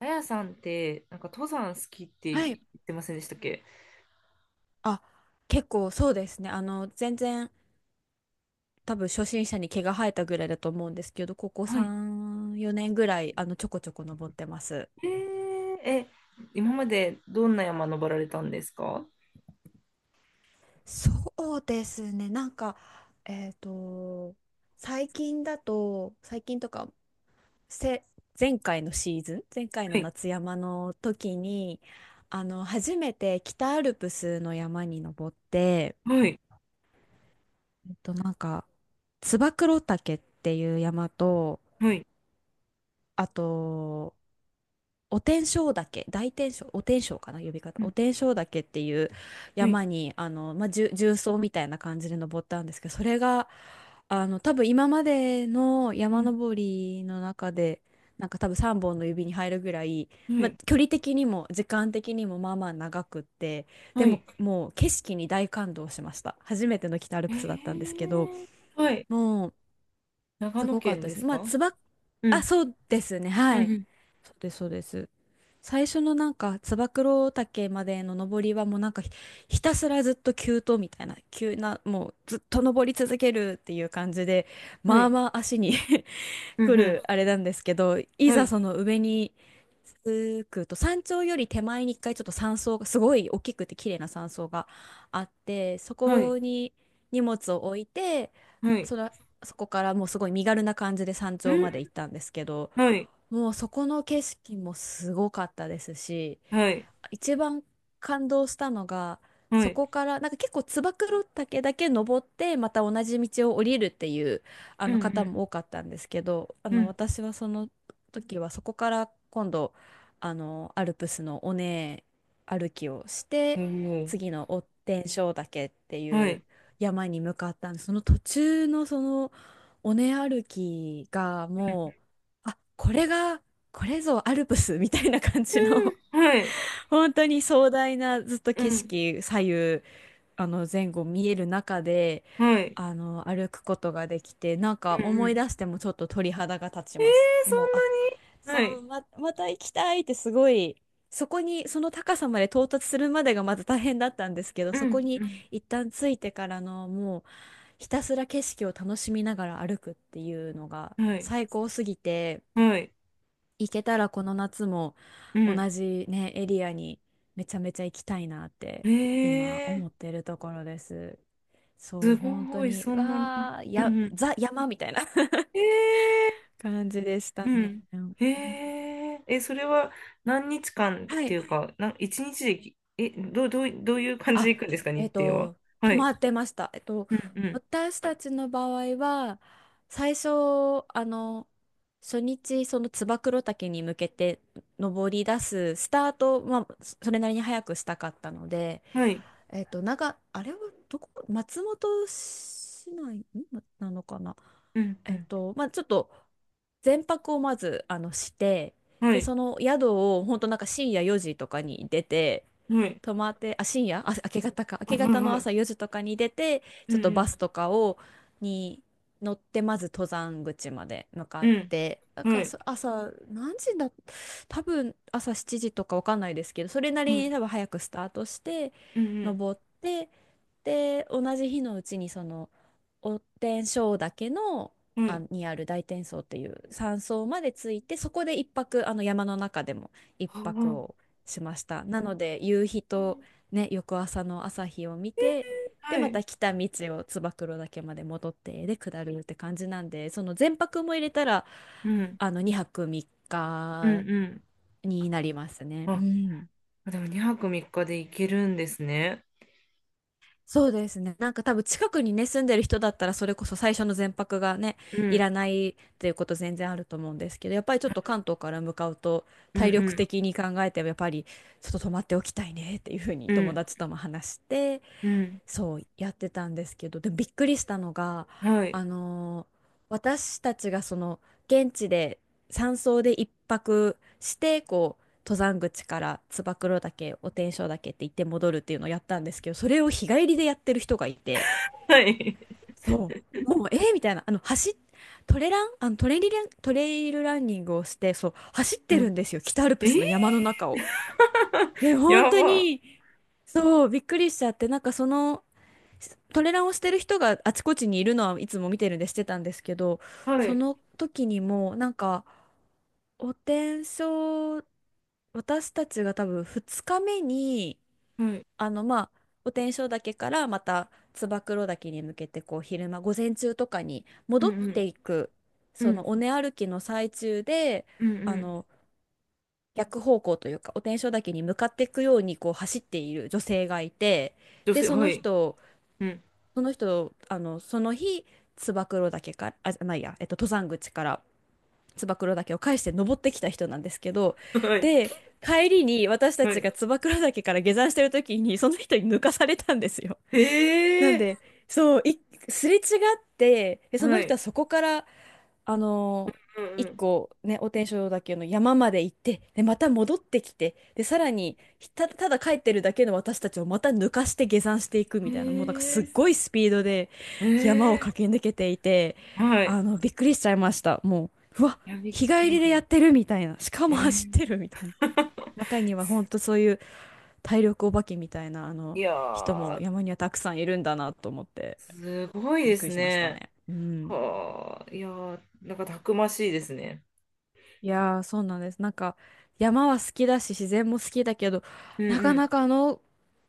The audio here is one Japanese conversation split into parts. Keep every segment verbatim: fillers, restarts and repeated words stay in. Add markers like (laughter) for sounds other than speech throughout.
あやさんって、なんか登山好きってはい。言ってませんでしたっけ？あ、結構そうですね。あの、全然多分初心者に毛が生えたぐらいだと思うんですけど、ここはい。さん、よねんぐらい、あの、ちょこちょこ登ってます。えー、え、今までどんな山登られたんですか？はそうですね。なんか、えっと、最近だと、最近とか、せ、前回のシーズン、前回のい、夏山の時に、あの、初めて北アルプスの山に登って、はい、えっと、なんか、燕岳っていう山と、はい、あと、お天正岳、大天正、お天正かな、呼びう方。おん、天正岳っていうはい、山に、あの、まあ、重重曹みたいな感じで登ったんですけど、それが、あの、多分今までのう山ん、登りの中で、なんか多分さんぼんの指に入るぐらい、はまあ、い、距離的にも時間的にもまあまあ長くって、ではもい。もう景色に大感動しました。初めての北アルえプスだったんですけど、ー、はい。もう長す野ごかった県でですすね。まあ、か？つば、うあ、ん、そうですね、うはい。ん、そうです、そうです。最初のなんか、つば九郎岳までの登りはもう、なんかひ、ひたすらずっと急登みたいな、急な、もうずっと登り続けるっていう感じで、うん、はまあい、まあ足に (laughs) う来ん、うん、るあれなんですけど、いはざい、その上に着くと、山頂より手前に一回ちょっと山荘が、すごい大きくて綺麗な山荘があって、そはい、こに荷物を置いて、はい、そら、そこからもうすごい身軽な感じで山う頂ん、まで行ったんですけど、はい、もうそこの景色もすごかったですし、はい、一番感動したのが、はそい、こから、なんか結構つば九郎岳だけ登って、また同じ道を降りるっていう、あうの方ん、も多かったんですけど、あうの、ん、私はその時はそこから今度、あの、アルプスの尾根歩きをしうて、ん、おー、次の追天正岳ってはいうい、山に向かったんです。その途中のその尾根歩きがうん、もう、あ、これが、これぞアルプスみたいな感じの、うん、はい、本当に壮大なずっとう景ん、色、左右、あの前後見える中で、はい、あの歩くことができて、なんかうん、う思いん、出してもちょっと鳥肌が立ちえます。ー、そもう、んあ、なそに、はい。う、ま、また行きたいってすごい。そこにその高さまで到達するまでがまた大変だったんですけど、うそこにん、一旦着いてからの、もうひたすら景色を楽しみながら歩くっていうのがうん。はい。最高すぎて。はい。行けたらこの夏もう同ん。じね、エリアにめちゃめちゃ行きたいなって今え思っー、てるところです。そすう、本当ごい、に、そんなの。わー、うや、んうん。ザ山みたいな え (laughs) 感じでしー、たうね。ん。うん、えー、え、それは何日間っはていい。うか、な、一日でき、え、どう、どう、どういう感じであ、行くんですか、え日っ程は？と、は泊い。まってました。えっと、うんう私たちの場合は、最初、あの、初日、その燕岳に向けて登り出すスタート、まあ、それなりに早くしたかったので、ん。はい。えっと、長、あれはどこ、松本市内んななのかな。うんうえっん。と、まあ、ちょっと、前泊をまず、あの、して、はで、い。その宿を、本当なんか深夜よじとかに出て、はい。泊まって、あ、深夜、あ、明け方か。明はけいはい方のは朝い。よじとかに出て、うちょっとバんスとかを、に乗って、まず登山口まで向かうっん。て、なんうん。はかい。そ朝、何時だ、多分朝しちじとかわかんないですけど、それなはりにい。多分早くスタートして、うんう登って、で、同じ日のうちにその、お天正岳の、ん。はあ、い。にある大天荘っていう山荘まで着いて、そこで一泊、あの山の中でも一あ泊をあ。しました。なので夕日とね、翌朝の朝日を見て、ではまい。た来た道を燕岳まで戻ってで下るって感じなんで、その全泊も入れたらうん。あのにはく3う日んうん。になりますね。うあ、ん。あでもにはくみっかで行けるんですね。そうですね。なんか多分近くにね、住んでる人だったらそれこそ最初の全泊がね、ういん、らないっていうこと全然あると思うんですけど、やっぱりちょっと関東から向かうとうん、体う力ん、的に考えてもやっぱりちょっと泊まっておきたいねっていうふうにう友ん、達とも話して、うん。そうやってたんですけど、でびっくりしたのが、はい。あのー私たちがその現地で山荘で一泊して、こう登山口から燕岳お天正岳って行って戻るっていうのをやったんですけど、それを日帰りでやってる人がいて、はい。そうもう、えー、みたいな、あの走トレラン、あのトレリラントレイルランニングをして、そう走っうてるんん。ですよ、北アルえプー スの山の中を。(laughs) で本や当ば。にそう、びっくりしちゃって、なんかそのトレランをしてる人があちこちにいるのはいつも見てるんでしてたんですけど、はそい。の時にもなんかお天正、私たちが多分ふつかめに、はい。あのまあ、お天正岳からまた燕岳に向けて、こう昼間午前中とかにう戻ん、っていく、うん、そうん、の尾根歩きの最中で、うん、うあん。の逆方向というかお天正岳に向かっていくようにこう走っている女性がいて、女で、性、そはのい。人うん。その人、あの、その日、燕岳から、あ、じゃないや、えっと、登山口から燕岳を返して登ってきた人なんですけど、はい。で、帰りに私たはちい。が燕岳から下山してる時に、その人に抜かされたんですよ。なんええで、そう、い、すれ違って、でー。そはの人い。はそこから、あのーうん、う一ん。個ね、お天正だけの山まで行って、で、また戻ってきて、で、さえらに、ひた、ただ帰ってるだけの私たちをまた抜かして下山していくみえたいな、もうなんかすっごいスピードでー。山をえ駆け抜けていて、ー。はい。あの、びっくりしちゃいました。もう、うわ、いや、びっ日く帰りりだ。でやってるみたいな、しかえも走っー てるみたいな。(laughs) 中にはほんとそういう体力お化けみたいな、あの、いや人もー、山にはたくさんいるんだなと思って、すごいびでっくすりしましたね。ね。うん。はあ、いやー、なんかたくましいですね。いやー、そうなんです。なんか、山は好きだし、自然も好きだけど、うんなうかなん。かあの、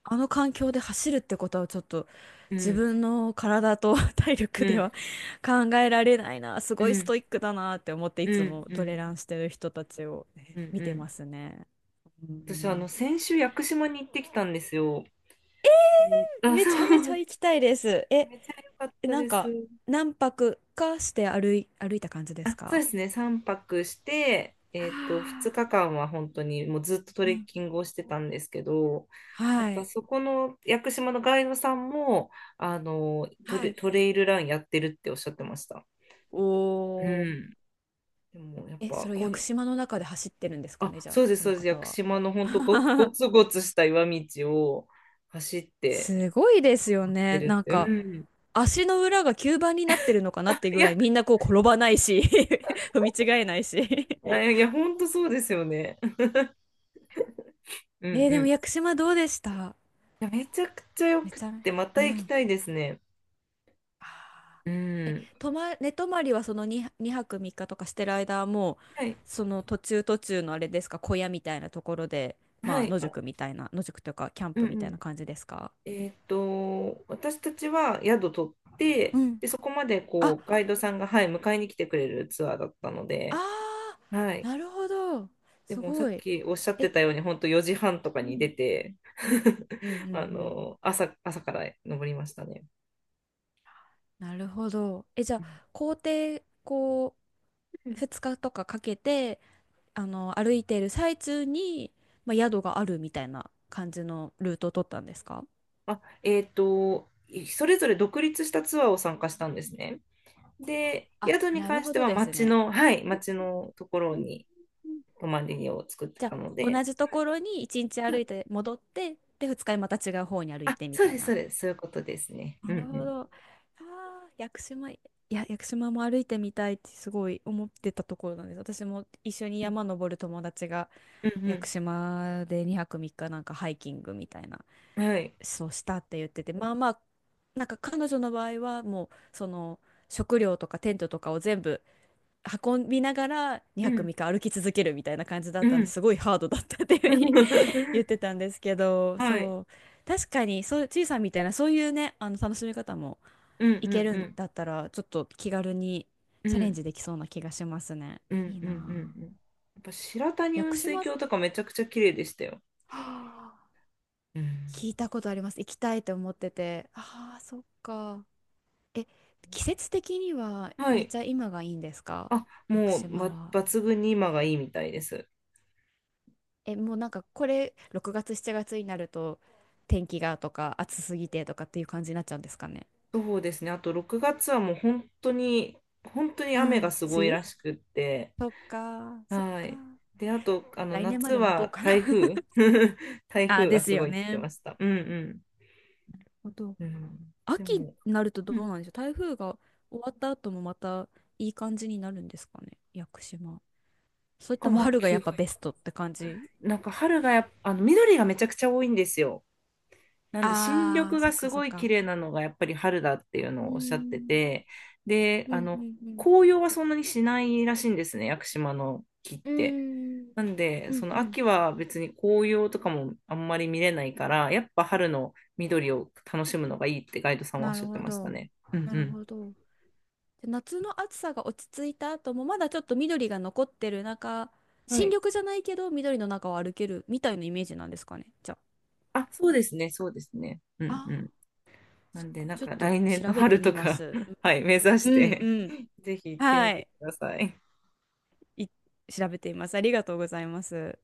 あの環境で走るってことはちょっと、う自ん分の体と (laughs) 体力うでん、は (laughs) 考えられないな。すうごいスん、トイックだなって思って、いうつん、もうトレん、ランしてる人たちをねうん、う見てん。ますね。う私、あの、ん、先週、屋久島に行ってきたんですよ。うん、あ、めそちゃめちゃう、行きたいです。え、めっちゃ良かったなんです。か、何泊かして歩い、歩いた感じであ、すそうか？ですね、さんぱくして、はえっと、2あ、日間は本当にもうずっとトうレッん、キングをしてたんですけど、なんはかい。そこの屋久島のガイドさんも、あの、トはレ、い。トレイルランやってるっておっしゃってました。お、うーん。でも、やっえ、そぱれをこ屋久ん、島の中で走ってるんですかあ、ね、じゃそあ、うです、そそうのです。屋方久は。島の本当ご、ご (laughs) つごつした岩道を走ってすごいですよ出ね。るなっんて。うか、ん。足の裏が吸盤になってるのかなっていういぐらや、い、みんなこう転ばないし (laughs) 踏み違えないし あ、いや、本当そうですよね。う (laughs) んえー、うでん。もい屋久島どうでした？や、めちゃくちゃよめくっちゃめ、て、まうた行きん。たいですね。あうー、え、ん。泊ま、寝泊まりはそのに、にはくみっかとかしてる間はもう、はい。その途中途中のあれですか、小屋みたいなところで、まはあ、い。野あ、宿みたいな、野宿というか、キャンうんプみうたいなん。感じですか？えっと、私たちは宿取って、うん。で、そこまでこあ、う、ガイドさんが、はい、迎えに来てくれるツアーだったのあ、で、はあ、い。なるほど。ですもさごっい。きおっしゃってえ、たように、本当よじはんとかうにん、出て、(laughs) うんうあんうん。の、朝、朝から登りましたね。なるほど。え、じゃうあ、ん、校程、こう、ふつかとかかけて、あの、歩いている最中に、まあ、宿があるみたいな感じのルートを取ったんですか？あ、えっと、それぞれ独立したツアーを参加したんですね。で、あ、宿になる関しほてどはです町ね。の、はい、町のとこうろんにうん、泊まりを作ってじゃたあ、の同で、じところにいちにち歩いて戻って、で、ふつかにまた違う方に歩いあ、てみそたうでいす、そうな。です、そういうことですね。うなんるうほん。ど。ああ、屋久島、いや、屋久島も歩いてみたいってすごい思ってたところなんです。私も一緒に山登る友達がう屋ん久島でにはくみっかなんかハイキングみたいな、うん。はい。そうしたって言ってて、まあまあ、なんか彼女の場合はもう、その食料とかテントとかを全部運びながらうにはくんみっか歩き続けるみたいな感じだっうたんでん。すごいハードだったっていう言って (laughs) たんですけど、はい。そう、確かに、そう、ちいさんみたいな、そういうね、あの、楽しみ方もうんういけんるうんん。だったら、ちょっと気軽にうチャレンん。ジできそうな気がしますね。ういんいうんなうんあ。うん。やっぱ白谷屋雲久水島、は峡とかめちゃくちゃ綺麗でしたよ。あ、うん。聞いたことあります。行きたいと思ってて。ああ、そっか。え、季節的にははめっい。ちゃ今がいいんですか？あ、屋久もう、島ばは。抜群に今がいいみたいです。え、もうなんかこれ、ろくがつ、しちがつになると、天気がとか、暑すぎてとかっていう感じになっちゃうんですかね。そうですね。あとろくがつはもう本当に、本当にう雨がん。すご梅い雨、らしくって。そっか、そっはか。い。で、あと、あの、来年ま夏で待とうはかな。 (laughs) 台風。(laughs) 台あ、風でがすすよごいって言っね。てました。うんあとうん。うん、で秋にも、なるとどううん、なんでしょう。台風が終わった後もまたいい感じになるんですかね、屋久島。そなれんかともまあ、春がきやっゅぱベストって感じ？なんか春がやっぱ、あの、緑がめちゃくちゃ多いんですよ。なんで新あ緑あ、そがっすか、そっごい綺か。麗なのがやっぱり春だっていううーのをおっしゃってん。て、で、うあん、うの、ん、紅葉はそんなにしないらしいんですね、屋久島の木っうて。ん。うーん、なんで、うそん、うのん。秋は別に紅葉とかもあんまり見れないから、やっぱ春の緑を楽しむのがいいってガイドさんはおっなしるゃってほましたど。ね。うなるんほど。で夏の暑さが落ち着いた後もまだちょっと緑が残ってる中、うん。は新い。緑じゃないけど緑の中を歩けるみたいなイメージなんですかね。じゃあ、そうですね、そうですね。うあ。んうあん。あ、なそっんで、か。なんちょっかと来年の調べて春みとまか す。(laughs) はい、目指しうんて うん。(laughs) ぜひ行ってはみてい。ください。い調べてみます。ありがとうございます。